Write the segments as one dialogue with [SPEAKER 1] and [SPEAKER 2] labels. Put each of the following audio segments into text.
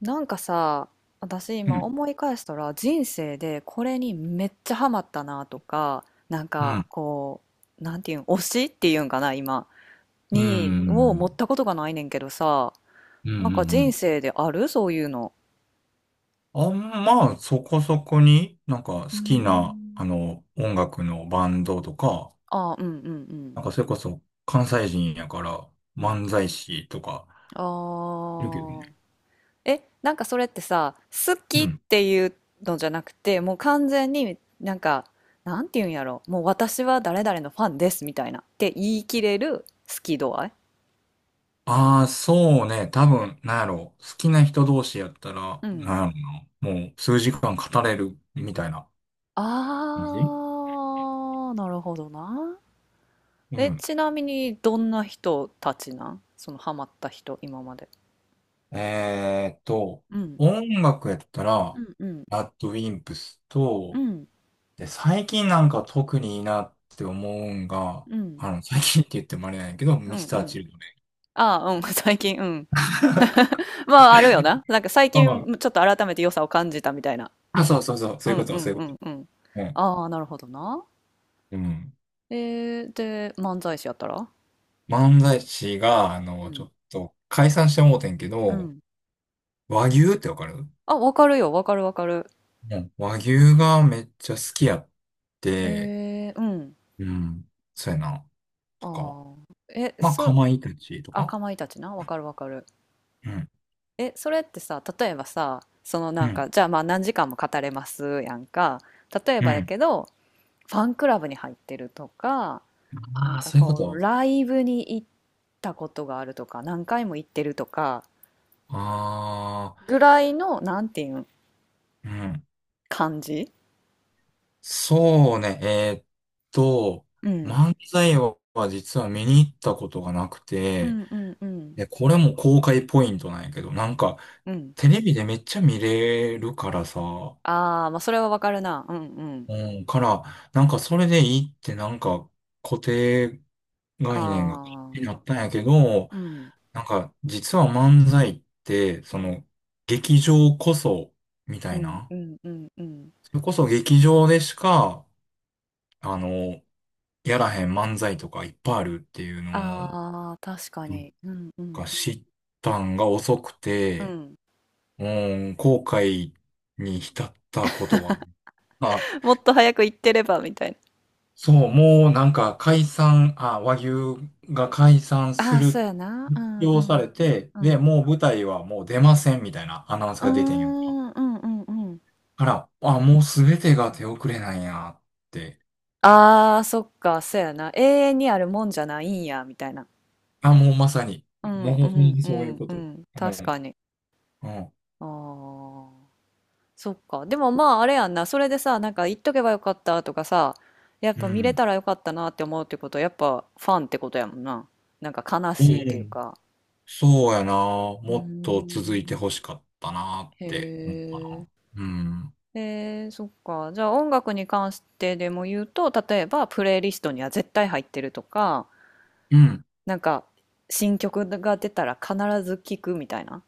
[SPEAKER 1] なんかさ、私
[SPEAKER 2] う
[SPEAKER 1] 今
[SPEAKER 2] ん、
[SPEAKER 1] 思い返したら人生でこれにめっちゃハマったなとか、なん
[SPEAKER 2] う
[SPEAKER 1] か
[SPEAKER 2] ん、
[SPEAKER 1] こう、なんていうん、推しっていうんかな、今、
[SPEAKER 2] う
[SPEAKER 1] に、を持っ
[SPEAKER 2] ん、
[SPEAKER 1] たことがないねんけどさ、
[SPEAKER 2] うん、う
[SPEAKER 1] なんか人
[SPEAKER 2] ん。
[SPEAKER 1] 生であるそういうの。
[SPEAKER 2] あんまあ、そこそこに、なんか好
[SPEAKER 1] うー
[SPEAKER 2] きな、
[SPEAKER 1] ん
[SPEAKER 2] 音楽のバンドとか、
[SPEAKER 1] あうんうんう
[SPEAKER 2] な
[SPEAKER 1] ん。
[SPEAKER 2] んかそれこそ関西人やから
[SPEAKER 1] うん。
[SPEAKER 2] 漫才師とか、
[SPEAKER 1] あ
[SPEAKER 2] いるけどね。
[SPEAKER 1] あ。え、なんかそれってさ、好き
[SPEAKER 2] う
[SPEAKER 1] っ
[SPEAKER 2] ん。
[SPEAKER 1] ていうのじゃなくて、もう完全になんか、なんて言うんやろ、もう私は誰々のファンですみたいなって言い切れる好き度合い。
[SPEAKER 2] ああ、そうね。多分、なんやろう好きな人同士やったら、
[SPEAKER 1] うん。
[SPEAKER 2] なんやろうな。もう数時間語れるみたいな感じ。
[SPEAKER 1] あー、なるほどな。
[SPEAKER 2] う
[SPEAKER 1] え、
[SPEAKER 2] ん。
[SPEAKER 1] ちなみにどんな人たちなんそのハマった人、今まで。
[SPEAKER 2] えーっと、
[SPEAKER 1] うん。
[SPEAKER 2] 音楽やった
[SPEAKER 1] う
[SPEAKER 2] ら、
[SPEAKER 1] んうん
[SPEAKER 2] ラッドウィンプス
[SPEAKER 1] う
[SPEAKER 2] と、
[SPEAKER 1] ん
[SPEAKER 2] で、最近なんか特にいいなって思うんが、
[SPEAKER 1] うん
[SPEAKER 2] 最近って言ってもあれなんやけど、
[SPEAKER 1] う
[SPEAKER 2] ミ
[SPEAKER 1] ん
[SPEAKER 2] ス
[SPEAKER 1] う
[SPEAKER 2] ター
[SPEAKER 1] ん
[SPEAKER 2] チルドレン。
[SPEAKER 1] ああーうん 最近うん まああるよななんか最
[SPEAKER 2] あ
[SPEAKER 1] 近ちょっと改めて良さを感じたみたいな。
[SPEAKER 2] あ、そうそうそう、そ
[SPEAKER 1] う
[SPEAKER 2] ういうこ
[SPEAKER 1] んう
[SPEAKER 2] と、そう
[SPEAKER 1] ん
[SPEAKER 2] いう
[SPEAKER 1] う
[SPEAKER 2] こ
[SPEAKER 1] んうん。
[SPEAKER 2] と。うん。
[SPEAKER 1] ああ、なるほどな。
[SPEAKER 2] うん。
[SPEAKER 1] えで、漫才師やったら、
[SPEAKER 2] 漫才師が、
[SPEAKER 1] う
[SPEAKER 2] ちょ
[SPEAKER 1] ん。
[SPEAKER 2] っと解散してもうてんけ
[SPEAKER 1] う
[SPEAKER 2] ど、
[SPEAKER 1] ん。
[SPEAKER 2] 和牛ってわかる？
[SPEAKER 1] あ、わかるよ。わかるわかる。
[SPEAKER 2] うん。和牛がめっちゃ好きやっ
[SPEAKER 1] へ
[SPEAKER 2] て、
[SPEAKER 1] え、うん。
[SPEAKER 2] うん。そうやな。とか。
[SPEAKER 1] ああ。え、
[SPEAKER 2] まあ、かまいたちと
[SPEAKER 1] あ、
[SPEAKER 2] か。
[SPEAKER 1] かまいたちな。わかるわかる。
[SPEAKER 2] うん。
[SPEAKER 1] え、それってさ、例えばさ、その
[SPEAKER 2] う
[SPEAKER 1] なん
[SPEAKER 2] ん。
[SPEAKER 1] か、じゃあまあ何時間も語れますやんか。例え
[SPEAKER 2] う
[SPEAKER 1] ばや
[SPEAKER 2] ん。
[SPEAKER 1] けど、ファンクラブに入ってるとか、な
[SPEAKER 2] あ
[SPEAKER 1] ん
[SPEAKER 2] あ、
[SPEAKER 1] か
[SPEAKER 2] そういうこ
[SPEAKER 1] こう、
[SPEAKER 2] と。
[SPEAKER 1] ライブに行ったことがあるとか、何回も行ってるとか、
[SPEAKER 2] ああ。
[SPEAKER 1] ぐらいの、なんていうん、
[SPEAKER 2] うん。
[SPEAKER 1] 感じ。
[SPEAKER 2] そうね、と、
[SPEAKER 1] うん。
[SPEAKER 2] 漫才は実は見に行ったことがなく
[SPEAKER 1] う
[SPEAKER 2] て、
[SPEAKER 1] んうんうん。
[SPEAKER 2] で、これも公開ポイントなんやけど、なんか、
[SPEAKER 1] うん。
[SPEAKER 2] テレビでめっちゃ見れるからさ、
[SPEAKER 1] ああ、まあ、それはわかるな。うんうん。
[SPEAKER 2] うん、から、なんかそれでいいってなんか固定概念が気
[SPEAKER 1] あ
[SPEAKER 2] にな
[SPEAKER 1] あ、
[SPEAKER 2] ったんやけど、
[SPEAKER 1] うん。
[SPEAKER 2] なんか実は漫才って、
[SPEAKER 1] う
[SPEAKER 2] そ
[SPEAKER 1] ん。
[SPEAKER 2] の劇場こそ、みた
[SPEAKER 1] う
[SPEAKER 2] い
[SPEAKER 1] ん
[SPEAKER 2] な。
[SPEAKER 1] うんうんうん。
[SPEAKER 2] それこそ劇場でしかあの、やらへん漫才とかいっぱいあるっていうのを、
[SPEAKER 1] ああ、確か
[SPEAKER 2] なん
[SPEAKER 1] に。うんうん
[SPEAKER 2] か知ったんが遅く
[SPEAKER 1] うん。う
[SPEAKER 2] て、
[SPEAKER 1] ん。
[SPEAKER 2] もう後悔に浸ったことは、あ、
[SPEAKER 1] もっと早く行ってればみたいな。
[SPEAKER 2] そう、もうなんか解散、和牛が解散
[SPEAKER 1] あ
[SPEAKER 2] す
[SPEAKER 1] あ、そう
[SPEAKER 2] る、
[SPEAKER 1] やな。う
[SPEAKER 2] 発
[SPEAKER 1] んう
[SPEAKER 2] 表さ
[SPEAKER 1] ん。
[SPEAKER 2] れて、
[SPEAKER 1] う
[SPEAKER 2] で、
[SPEAKER 1] ん。
[SPEAKER 2] もう舞台はもう出ませんみたいなアナウンス
[SPEAKER 1] うー
[SPEAKER 2] が出てんやんか。
[SPEAKER 1] ん、うんうんうん。
[SPEAKER 2] あら、あ、もうすべてが手遅れなんやって。
[SPEAKER 1] ああ、そっか、そうやな。永遠にあるもんじゃないんや、みたいな。
[SPEAKER 2] あ、もうまさに、
[SPEAKER 1] う
[SPEAKER 2] も
[SPEAKER 1] ん
[SPEAKER 2] うほん
[SPEAKER 1] う
[SPEAKER 2] ま
[SPEAKER 1] ん
[SPEAKER 2] に
[SPEAKER 1] う
[SPEAKER 2] そういう
[SPEAKER 1] ん
[SPEAKER 2] こ
[SPEAKER 1] う
[SPEAKER 2] と。
[SPEAKER 1] ん。
[SPEAKER 2] う
[SPEAKER 1] 確
[SPEAKER 2] ん、
[SPEAKER 1] かに。
[SPEAKER 2] うん、
[SPEAKER 1] ああ。そっか。でもまああれやんな。それでさ、なんか言っとけばよかったとかさ、やっ
[SPEAKER 2] う
[SPEAKER 1] ぱ見れ
[SPEAKER 2] ん。
[SPEAKER 1] たらよかったなって思うってことは、やっぱファンってことやもんな。なんか悲
[SPEAKER 2] う
[SPEAKER 1] しいっていう
[SPEAKER 2] ん、
[SPEAKER 1] か。
[SPEAKER 2] そうやな。
[SPEAKER 1] うー
[SPEAKER 2] もっと続いて
[SPEAKER 1] ん。
[SPEAKER 2] 欲しかったなっ
[SPEAKER 1] へ
[SPEAKER 2] て思うか
[SPEAKER 1] え。
[SPEAKER 2] な。うん。
[SPEAKER 1] そっか。じゃあ音楽に関してでも言うと、例えばプレイリストには絶対入ってるとか、
[SPEAKER 2] うん。
[SPEAKER 1] なんか新曲が出たら必ず聴くみたいな。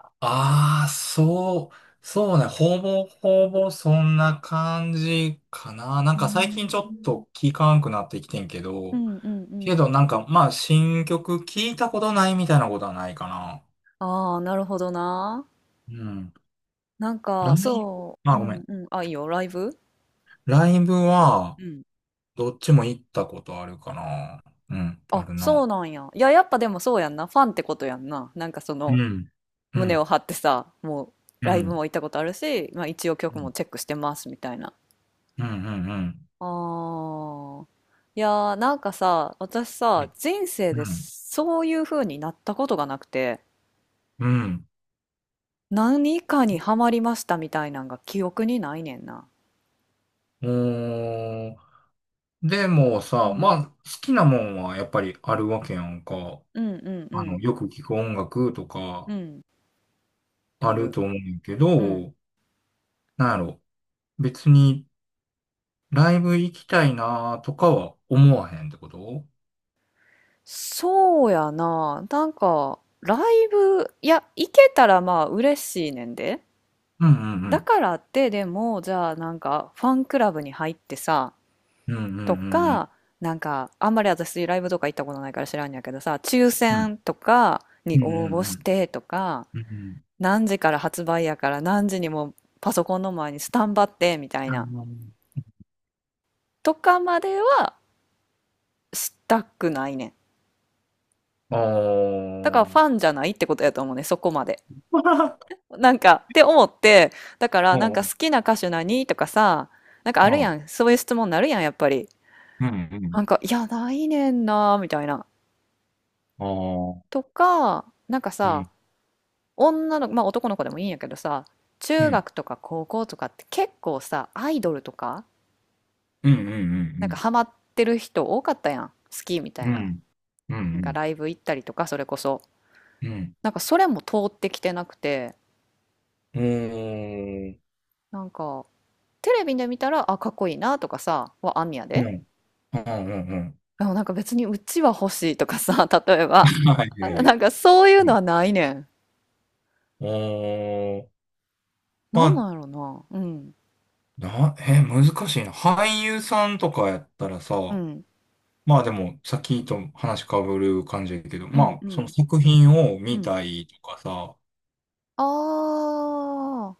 [SPEAKER 2] ああ、そう、そうね。ほぼほぼそんな感じかな。なん
[SPEAKER 1] うー
[SPEAKER 2] か最近ちょっ
[SPEAKER 1] ん
[SPEAKER 2] と聞かんくなってきてんけ
[SPEAKER 1] う
[SPEAKER 2] ど、
[SPEAKER 1] んうんう
[SPEAKER 2] け
[SPEAKER 1] ん。
[SPEAKER 2] どなんかまあ新曲聞いたことないみたいなことはないかな。
[SPEAKER 1] ああ、なるほどな。
[SPEAKER 2] うん。
[SPEAKER 1] なん
[SPEAKER 2] ラ
[SPEAKER 1] か、
[SPEAKER 2] イブ、
[SPEAKER 1] そ
[SPEAKER 2] ま
[SPEAKER 1] う、
[SPEAKER 2] あ
[SPEAKER 1] う
[SPEAKER 2] ごめ
[SPEAKER 1] ん
[SPEAKER 2] ん。
[SPEAKER 1] うん。あ、いいよ、ライブ。
[SPEAKER 2] ライブは
[SPEAKER 1] うん。
[SPEAKER 2] どっちも行ったことあるかな。うん、あ
[SPEAKER 1] あ、
[SPEAKER 2] る
[SPEAKER 1] そ
[SPEAKER 2] な。
[SPEAKER 1] うなんや。いや、やっぱでもそうやんな。ファンってことやんな。なんかそ
[SPEAKER 2] う
[SPEAKER 1] の、
[SPEAKER 2] んう
[SPEAKER 1] 胸
[SPEAKER 2] ん、
[SPEAKER 1] を張ってさ、もう、
[SPEAKER 2] う
[SPEAKER 1] ライブ
[SPEAKER 2] ん、
[SPEAKER 1] も行ったことあるし、まあ一応
[SPEAKER 2] う
[SPEAKER 1] 曲
[SPEAKER 2] ん。
[SPEAKER 1] もチェックしてます、みたいな。
[SPEAKER 2] うんうんうん
[SPEAKER 1] あー。いやー、なんかさ、私さ、人生
[SPEAKER 2] う
[SPEAKER 1] で
[SPEAKER 2] ん。
[SPEAKER 1] そういう風になったことがなくて、
[SPEAKER 2] うん。
[SPEAKER 1] 何かにハマりましたみたいなんが記憶にないねんな。
[SPEAKER 2] おー。でも
[SPEAKER 1] う
[SPEAKER 2] さ、ま
[SPEAKER 1] ん。
[SPEAKER 2] あ、好きなもんはやっぱりあるわけやんか。
[SPEAKER 1] うんうんうん。
[SPEAKER 2] よく聞く音楽と
[SPEAKER 1] う
[SPEAKER 2] か
[SPEAKER 1] ん。
[SPEAKER 2] あ
[SPEAKER 1] あ
[SPEAKER 2] る
[SPEAKER 1] る。
[SPEAKER 2] と思うんやけ
[SPEAKER 1] うん。
[SPEAKER 2] ど、なんやろ。別にライブ行きたいなとかは思わへんってこと？
[SPEAKER 1] そうやな。なんか、ライブ、いや、行けたらまあ嬉しいねんで。
[SPEAKER 2] うんうんう
[SPEAKER 1] だ
[SPEAKER 2] ん。
[SPEAKER 1] からって、でも、じゃあなんか、ファンクラブに入ってさ、
[SPEAKER 2] うんうんうん
[SPEAKER 1] と
[SPEAKER 2] うん。
[SPEAKER 1] か、なんか、あんまり私ライブとか行ったことないから知らんやけどさ、抽
[SPEAKER 2] うん
[SPEAKER 1] 選とか
[SPEAKER 2] う
[SPEAKER 1] に
[SPEAKER 2] んう
[SPEAKER 1] 応募
[SPEAKER 2] んう
[SPEAKER 1] し
[SPEAKER 2] ん。
[SPEAKER 1] てとか、
[SPEAKER 2] うん、
[SPEAKER 1] 何時から発売やから何時にもパソコンの前にスタンバってみたいな、とかまではしたくないねん。
[SPEAKER 2] あ
[SPEAKER 1] だからフ
[SPEAKER 2] の
[SPEAKER 1] ァ
[SPEAKER 2] ー。
[SPEAKER 1] ンじゃないってことやと思うね、そこまで。なんか、って思って、だから
[SPEAKER 2] う
[SPEAKER 1] なんか
[SPEAKER 2] ん
[SPEAKER 1] 好きな歌手何とかさ、なんか
[SPEAKER 2] う
[SPEAKER 1] あ
[SPEAKER 2] ん
[SPEAKER 1] る
[SPEAKER 2] う
[SPEAKER 1] や
[SPEAKER 2] ん。
[SPEAKER 1] ん。そういう質問になるやん、やっぱり。
[SPEAKER 2] うんうん。
[SPEAKER 1] なんか、いや、ないねんな、みたいな。
[SPEAKER 2] あー。
[SPEAKER 1] とか、なんか
[SPEAKER 2] う
[SPEAKER 1] さ、
[SPEAKER 2] ん
[SPEAKER 1] 女の子、まあ男の子でもいいんやけどさ、
[SPEAKER 2] う
[SPEAKER 1] 中
[SPEAKER 2] ん
[SPEAKER 1] 学とか高校とかって結構さ、アイドルとか、
[SPEAKER 2] うんう
[SPEAKER 1] なんか
[SPEAKER 2] ん
[SPEAKER 1] ハマってる人多かったやん。好きみた
[SPEAKER 2] う
[SPEAKER 1] い
[SPEAKER 2] んう
[SPEAKER 1] な。
[SPEAKER 2] ん。うん
[SPEAKER 1] なん
[SPEAKER 2] う
[SPEAKER 1] か
[SPEAKER 2] ん
[SPEAKER 1] ライブ行ったりとか、それこそ。
[SPEAKER 2] うん。
[SPEAKER 1] なんかそれも通ってきてなくて、
[SPEAKER 2] うーん。
[SPEAKER 1] なんか、テレビで見たら、あ、かっこいいなとかさ、はあんねや
[SPEAKER 2] う
[SPEAKER 1] で。
[SPEAKER 2] ーん。うんうんうんうん。
[SPEAKER 1] でもなんか別にうちは欲しいとかさ、例えば。
[SPEAKER 2] はい、
[SPEAKER 1] なんかそういう
[SPEAKER 2] う
[SPEAKER 1] の
[SPEAKER 2] ん。
[SPEAKER 1] はないねん。
[SPEAKER 2] うん。うーん。ま
[SPEAKER 1] なんな
[SPEAKER 2] あ、
[SPEAKER 1] んやろな。うん。
[SPEAKER 2] 難しいな。俳優さんとかやったら
[SPEAKER 1] う
[SPEAKER 2] さ、
[SPEAKER 1] ん。
[SPEAKER 2] まあでも、さっきと話かぶる感じやけど、
[SPEAKER 1] うん。
[SPEAKER 2] ま
[SPEAKER 1] う
[SPEAKER 2] あ、その
[SPEAKER 1] ん。
[SPEAKER 2] 作品を
[SPEAKER 1] う
[SPEAKER 2] 見
[SPEAKER 1] ん。
[SPEAKER 2] たいとかさ、
[SPEAKER 1] ああ、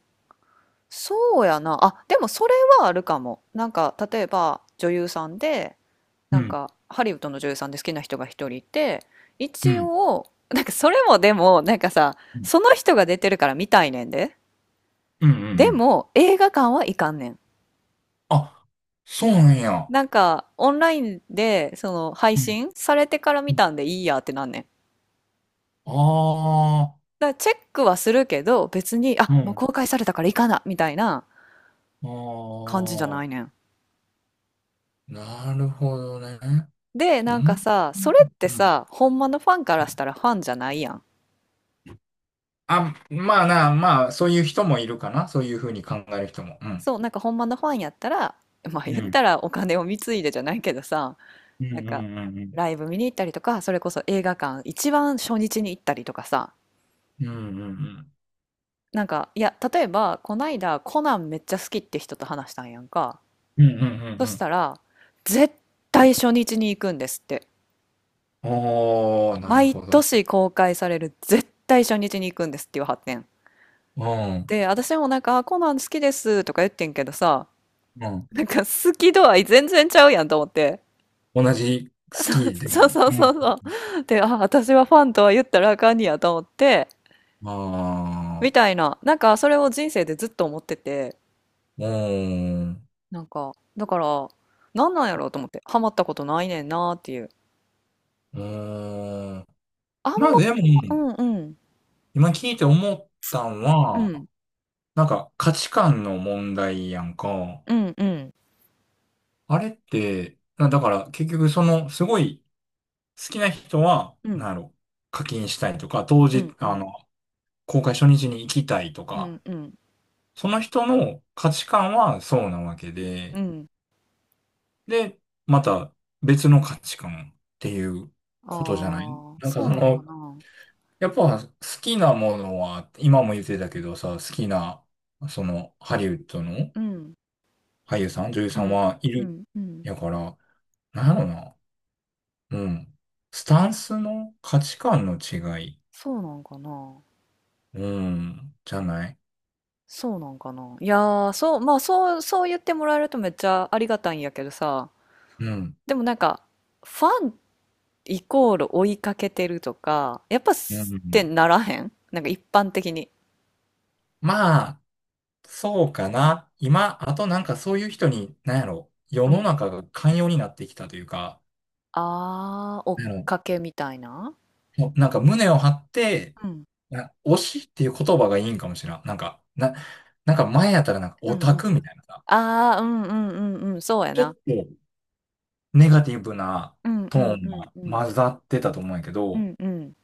[SPEAKER 1] そうやな。あ、でもそれはあるかも。なんか例えば女優さんで、
[SPEAKER 2] う
[SPEAKER 1] なん
[SPEAKER 2] ん、
[SPEAKER 1] かハリウッドの女優さんで好きな人が一人いて、
[SPEAKER 2] う
[SPEAKER 1] 一
[SPEAKER 2] ん、
[SPEAKER 1] 応、なんかそれもでも、なんかさ、
[SPEAKER 2] うん、
[SPEAKER 1] その人が出てるから見たいねんで。
[SPEAKER 2] うん、うんう
[SPEAKER 1] で
[SPEAKER 2] ん。
[SPEAKER 1] も映画館は行かんねん。
[SPEAKER 2] あ、そうなんや。
[SPEAKER 1] なんか、オンラインで、その、配
[SPEAKER 2] うん。
[SPEAKER 1] 信されてから見たんでいいやってなんねん。
[SPEAKER 2] ああ
[SPEAKER 1] だからチェックはするけど、別に、
[SPEAKER 2] ー、う
[SPEAKER 1] あ、もう
[SPEAKER 2] ん。
[SPEAKER 1] 公開されたから行かな、みたいな
[SPEAKER 2] あ
[SPEAKER 1] 感じじゃない
[SPEAKER 2] あ、
[SPEAKER 1] ねん。
[SPEAKER 2] なるほどね。
[SPEAKER 1] で、
[SPEAKER 2] う
[SPEAKER 1] なんか
[SPEAKER 2] ん。
[SPEAKER 1] さ、それって
[SPEAKER 2] うん。
[SPEAKER 1] さ、ほんまのファンからしたらファンじゃないやん。
[SPEAKER 2] あ、まあな、まあ、そういう人もいるかな。そういうふうに考える人も。うん。
[SPEAKER 1] そう、なんかほんまのファンやったら、まあ
[SPEAKER 2] う
[SPEAKER 1] 言っ
[SPEAKER 2] ん。
[SPEAKER 1] たらお金を貢いでじゃないけどさ、
[SPEAKER 2] うん
[SPEAKER 1] なん
[SPEAKER 2] う
[SPEAKER 1] か、
[SPEAKER 2] んうんうん。
[SPEAKER 1] ライブ見に行ったりとか、それこそ映画館、一番初日に行ったりとかさ、
[SPEAKER 2] うんうんうん。
[SPEAKER 1] なんか、いや、例えば、こないだコナンめっちゃ好きって人と話したんやんか。
[SPEAKER 2] うんうんうんう
[SPEAKER 1] そし
[SPEAKER 2] ん。
[SPEAKER 1] たら、絶対初日に行くんですって。
[SPEAKER 2] おー、なる
[SPEAKER 1] 毎
[SPEAKER 2] ほど。
[SPEAKER 1] 年公開される絶対初日に行くんですっていう発展。
[SPEAKER 2] うん。
[SPEAKER 1] で、私もなんか、あこナな好きですとか言ってんけどさ、
[SPEAKER 2] うん。
[SPEAKER 1] なんか好き度合い全然ちゃうやんと思って。
[SPEAKER 2] 同じスキーで
[SPEAKER 1] そうそう
[SPEAKER 2] も。
[SPEAKER 1] そう
[SPEAKER 2] う
[SPEAKER 1] そ
[SPEAKER 2] ん。
[SPEAKER 1] うそう。で、あ、私はファンとは言ったらあかんにやと思って、
[SPEAKER 2] あ
[SPEAKER 1] み
[SPEAKER 2] あ、
[SPEAKER 1] たいな、なんかそれを人生でずっと思ってて、
[SPEAKER 2] うん。
[SPEAKER 1] なんか、だから、なんなんやろうと思って、ハマったことないねんなーっていう。
[SPEAKER 2] うん。
[SPEAKER 1] あん
[SPEAKER 2] まあ
[SPEAKER 1] ま、
[SPEAKER 2] でも、
[SPEAKER 1] うんうん、
[SPEAKER 2] 今聞いて思ったん
[SPEAKER 1] う
[SPEAKER 2] は、
[SPEAKER 1] ん、
[SPEAKER 2] なんか価値観の問題やんか。
[SPEAKER 1] うんうん、
[SPEAKER 2] あれって、だから結局そのすごい好きな人は、
[SPEAKER 1] う
[SPEAKER 2] なん
[SPEAKER 1] ん。
[SPEAKER 2] やろ、課金したいとか、当
[SPEAKER 1] う
[SPEAKER 2] 時、
[SPEAKER 1] んうん。
[SPEAKER 2] 公開初日に行きたいと
[SPEAKER 1] うん
[SPEAKER 2] か、
[SPEAKER 1] うん。
[SPEAKER 2] その人の価値観はそうなわけ
[SPEAKER 1] う
[SPEAKER 2] で、
[SPEAKER 1] ん。
[SPEAKER 2] で、また別の価値観っていう
[SPEAKER 1] あ
[SPEAKER 2] ことじゃない、
[SPEAKER 1] あー、
[SPEAKER 2] なんか
[SPEAKER 1] そうなんかな。
[SPEAKER 2] やっぱ好きなものは、今も言ってたけどさ、好きな、そのハリウッドの
[SPEAKER 1] うん。
[SPEAKER 2] 俳優さん、女優
[SPEAKER 1] う
[SPEAKER 2] さん
[SPEAKER 1] ん。
[SPEAKER 2] はい
[SPEAKER 1] う
[SPEAKER 2] る。
[SPEAKER 1] んうん。
[SPEAKER 2] やから、なんやろな。うん。スタンスの価値観の違い。
[SPEAKER 1] そうなんかな。
[SPEAKER 2] うん。じゃない、
[SPEAKER 1] そうなんかな。いやー、そう、まあそう、そう言ってもらえるとめっちゃありがたいんやけどさ、
[SPEAKER 2] うん。
[SPEAKER 1] でもなんか、ファンイコール追いかけてるとか、やっぱ
[SPEAKER 2] う
[SPEAKER 1] すっ
[SPEAKER 2] ん。
[SPEAKER 1] てならへんなんか一般的に。
[SPEAKER 2] まあ、そうかな。今、あとなんかそういう人に、なんやろ、世
[SPEAKER 1] う
[SPEAKER 2] の
[SPEAKER 1] ん
[SPEAKER 2] 中が寛容になってきたというか、
[SPEAKER 1] あー、追っ
[SPEAKER 2] なんや
[SPEAKER 1] かけみたいな。
[SPEAKER 2] ろ、なんか胸を張って、
[SPEAKER 1] うん
[SPEAKER 2] 推しっていう言葉がいいんかもしれん。なんか、なんか前やったらなんか
[SPEAKER 1] う
[SPEAKER 2] オ
[SPEAKER 1] ん
[SPEAKER 2] タ
[SPEAKER 1] うん。
[SPEAKER 2] クみたいなさ、
[SPEAKER 1] ああうんうんうんうん、そうや
[SPEAKER 2] ちょ
[SPEAKER 1] な。
[SPEAKER 2] っとネガティブな
[SPEAKER 1] うんう
[SPEAKER 2] トー
[SPEAKER 1] ん
[SPEAKER 2] ン
[SPEAKER 1] うん
[SPEAKER 2] が
[SPEAKER 1] うん。
[SPEAKER 2] 混ざってたと思うんやけ
[SPEAKER 1] う
[SPEAKER 2] ど、
[SPEAKER 1] んうん。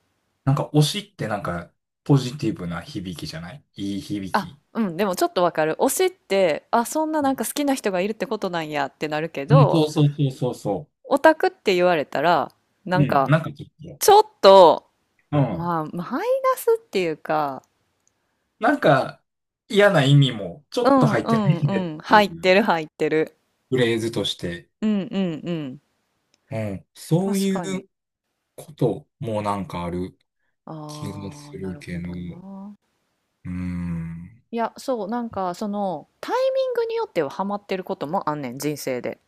[SPEAKER 2] なんか推しってなんかポジティブな響きじゃないいい響
[SPEAKER 1] あ、
[SPEAKER 2] き。
[SPEAKER 1] うん、でもちょっとわかる。推しって、あ、そんななんか好きな人がいるってことなんやってなるけ
[SPEAKER 2] うんうん、
[SPEAKER 1] ど、
[SPEAKER 2] そうそうそうそうそ
[SPEAKER 1] オタクって言われたら、な
[SPEAKER 2] う。う
[SPEAKER 1] ん
[SPEAKER 2] ん、
[SPEAKER 1] か、
[SPEAKER 2] なんかちょっと、
[SPEAKER 1] ちょっと、
[SPEAKER 2] うん。
[SPEAKER 1] まあ、マイナスっていうか、
[SPEAKER 2] なんか嫌な意味もちょ
[SPEAKER 1] う
[SPEAKER 2] っと
[SPEAKER 1] ん
[SPEAKER 2] 入っ
[SPEAKER 1] う
[SPEAKER 2] てない
[SPEAKER 1] ん
[SPEAKER 2] ねっ
[SPEAKER 1] うん、
[SPEAKER 2] てい
[SPEAKER 1] 入っ
[SPEAKER 2] う
[SPEAKER 1] てる入ってる。
[SPEAKER 2] フレーズとして、
[SPEAKER 1] うんうんうん。
[SPEAKER 2] うん、そう
[SPEAKER 1] 確
[SPEAKER 2] い
[SPEAKER 1] かに。
[SPEAKER 2] うこともなんかある気が
[SPEAKER 1] ああ、
[SPEAKER 2] す
[SPEAKER 1] な
[SPEAKER 2] る
[SPEAKER 1] る
[SPEAKER 2] け
[SPEAKER 1] ほ
[SPEAKER 2] ど、
[SPEAKER 1] どな。
[SPEAKER 2] うん。
[SPEAKER 1] いや、そう、なんか、その、タイミングによってはハマってることもあんねん、人生で。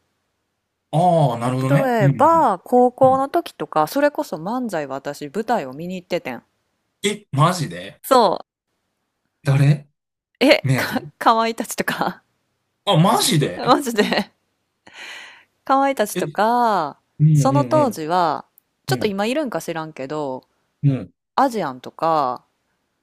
[SPEAKER 2] ああ、なるほどね。
[SPEAKER 1] 例
[SPEAKER 2] う
[SPEAKER 1] え
[SPEAKER 2] んうん
[SPEAKER 1] ば、高
[SPEAKER 2] う
[SPEAKER 1] 校
[SPEAKER 2] ん。
[SPEAKER 1] の時とか、それこそ漫才は私、舞台を見に行っててん。
[SPEAKER 2] え、マジで
[SPEAKER 1] そう
[SPEAKER 2] 誰
[SPEAKER 1] え、
[SPEAKER 2] 目当て？
[SPEAKER 1] かわいたちとか
[SPEAKER 2] あ、マジ で？
[SPEAKER 1] マジでかわいたち
[SPEAKER 2] え、う
[SPEAKER 1] と
[SPEAKER 2] ん
[SPEAKER 1] か、
[SPEAKER 2] う
[SPEAKER 1] その
[SPEAKER 2] んう
[SPEAKER 1] 当
[SPEAKER 2] ん。
[SPEAKER 1] 時は、ち
[SPEAKER 2] う
[SPEAKER 1] ょっと
[SPEAKER 2] ん
[SPEAKER 1] 今いるんか知らんけど、
[SPEAKER 2] うん、
[SPEAKER 1] アジアンとか、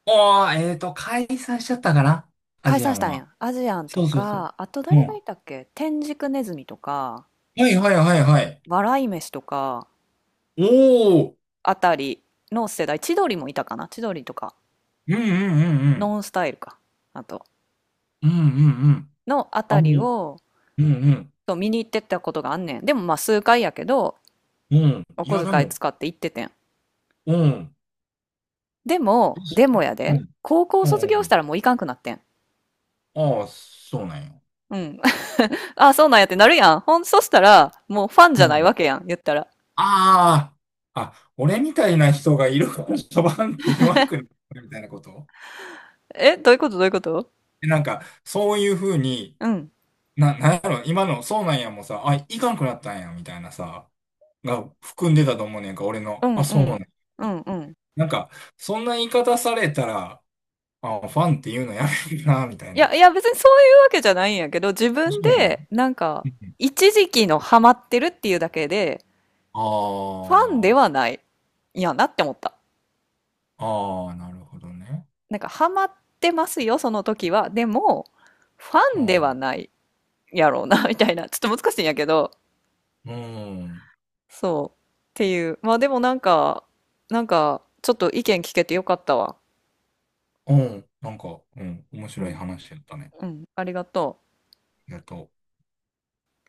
[SPEAKER 2] ああ、解散しちゃったかなア
[SPEAKER 1] 解
[SPEAKER 2] ジア
[SPEAKER 1] 散し
[SPEAKER 2] ン
[SPEAKER 1] たんや
[SPEAKER 2] は。
[SPEAKER 1] ん。アジアンと
[SPEAKER 2] そうそうそう。
[SPEAKER 1] か、あと
[SPEAKER 2] う
[SPEAKER 1] 誰がい
[SPEAKER 2] ん。
[SPEAKER 1] たっけ天竺ネズミとか、
[SPEAKER 2] はいはいはいはい。
[SPEAKER 1] 笑い飯とか、
[SPEAKER 2] おお。
[SPEAKER 1] あたりの世代、千鳥もいたかな千鳥とか、
[SPEAKER 2] うんうんうんうん。
[SPEAKER 1] ノンスタイルか。あと、
[SPEAKER 2] うんうんうん。
[SPEAKER 1] のあた
[SPEAKER 2] あ、
[SPEAKER 1] り
[SPEAKER 2] もう、
[SPEAKER 1] を、
[SPEAKER 2] うんうん。
[SPEAKER 1] そう見に行ってったことがあんねん。でもまあ数回やけど、
[SPEAKER 2] うん。
[SPEAKER 1] お
[SPEAKER 2] いや、
[SPEAKER 1] 小
[SPEAKER 2] で
[SPEAKER 1] 遣い
[SPEAKER 2] も、
[SPEAKER 1] 使って行っててん。
[SPEAKER 2] うん。
[SPEAKER 1] でもや
[SPEAKER 2] う
[SPEAKER 1] で、
[SPEAKER 2] ん。
[SPEAKER 1] 高校
[SPEAKER 2] う
[SPEAKER 1] 卒業し
[SPEAKER 2] ん。
[SPEAKER 1] たらもういかんくなってん。
[SPEAKER 2] ああ、そうなんよ。
[SPEAKER 1] うん。あ、そうなんやってなるやん。そしたら、もうファン
[SPEAKER 2] う
[SPEAKER 1] じゃない
[SPEAKER 2] ん。
[SPEAKER 1] わけやん、言ったら。
[SPEAKER 2] ああ。あ、俺みたいな人がいるから、バンって言わんくなるみたいなこと。
[SPEAKER 1] え、どういうことどういうこと。
[SPEAKER 2] なんか、そういうふうに、
[SPEAKER 1] うん。
[SPEAKER 2] なんやろ、今の、そうなんやもさ、あ、いかんくなったんや、みたいなさ、が含んでたと思うねんか、俺
[SPEAKER 1] う
[SPEAKER 2] の、
[SPEAKER 1] ん
[SPEAKER 2] あ、
[SPEAKER 1] う
[SPEAKER 2] そうなん
[SPEAKER 1] ん。
[SPEAKER 2] や。
[SPEAKER 1] うんうん。
[SPEAKER 2] なんか、そんな言い方されたら、あ、ファンっていうのやめるな、みたい
[SPEAKER 1] いや、
[SPEAKER 2] な。
[SPEAKER 1] いや別にそういうわけじゃないんやけど、自
[SPEAKER 2] あ、
[SPEAKER 1] 分
[SPEAKER 2] そうなの？
[SPEAKER 1] で、なんか、
[SPEAKER 2] うん、
[SPEAKER 1] 一時期のハマってるっていうだけで、ファンで
[SPEAKER 2] あ
[SPEAKER 1] はない、いやなって思った。
[SPEAKER 2] あ、ああ、なるほどね。
[SPEAKER 1] なんか、ハマってますよ、その時は。でも、フ
[SPEAKER 2] う
[SPEAKER 1] ァンでは
[SPEAKER 2] ん、
[SPEAKER 1] ないやろうな、みたいな。ちょっと難しいんやけど、
[SPEAKER 2] うん、
[SPEAKER 1] そう。っていう。まあでもなんか、なんか、ちょっと意見聞けてよかったわ。
[SPEAKER 2] うん、なんか、うん、面
[SPEAKER 1] う
[SPEAKER 2] 白い
[SPEAKER 1] ん。
[SPEAKER 2] 話やったね。
[SPEAKER 1] うん。ありがとう。
[SPEAKER 2] ありがとう。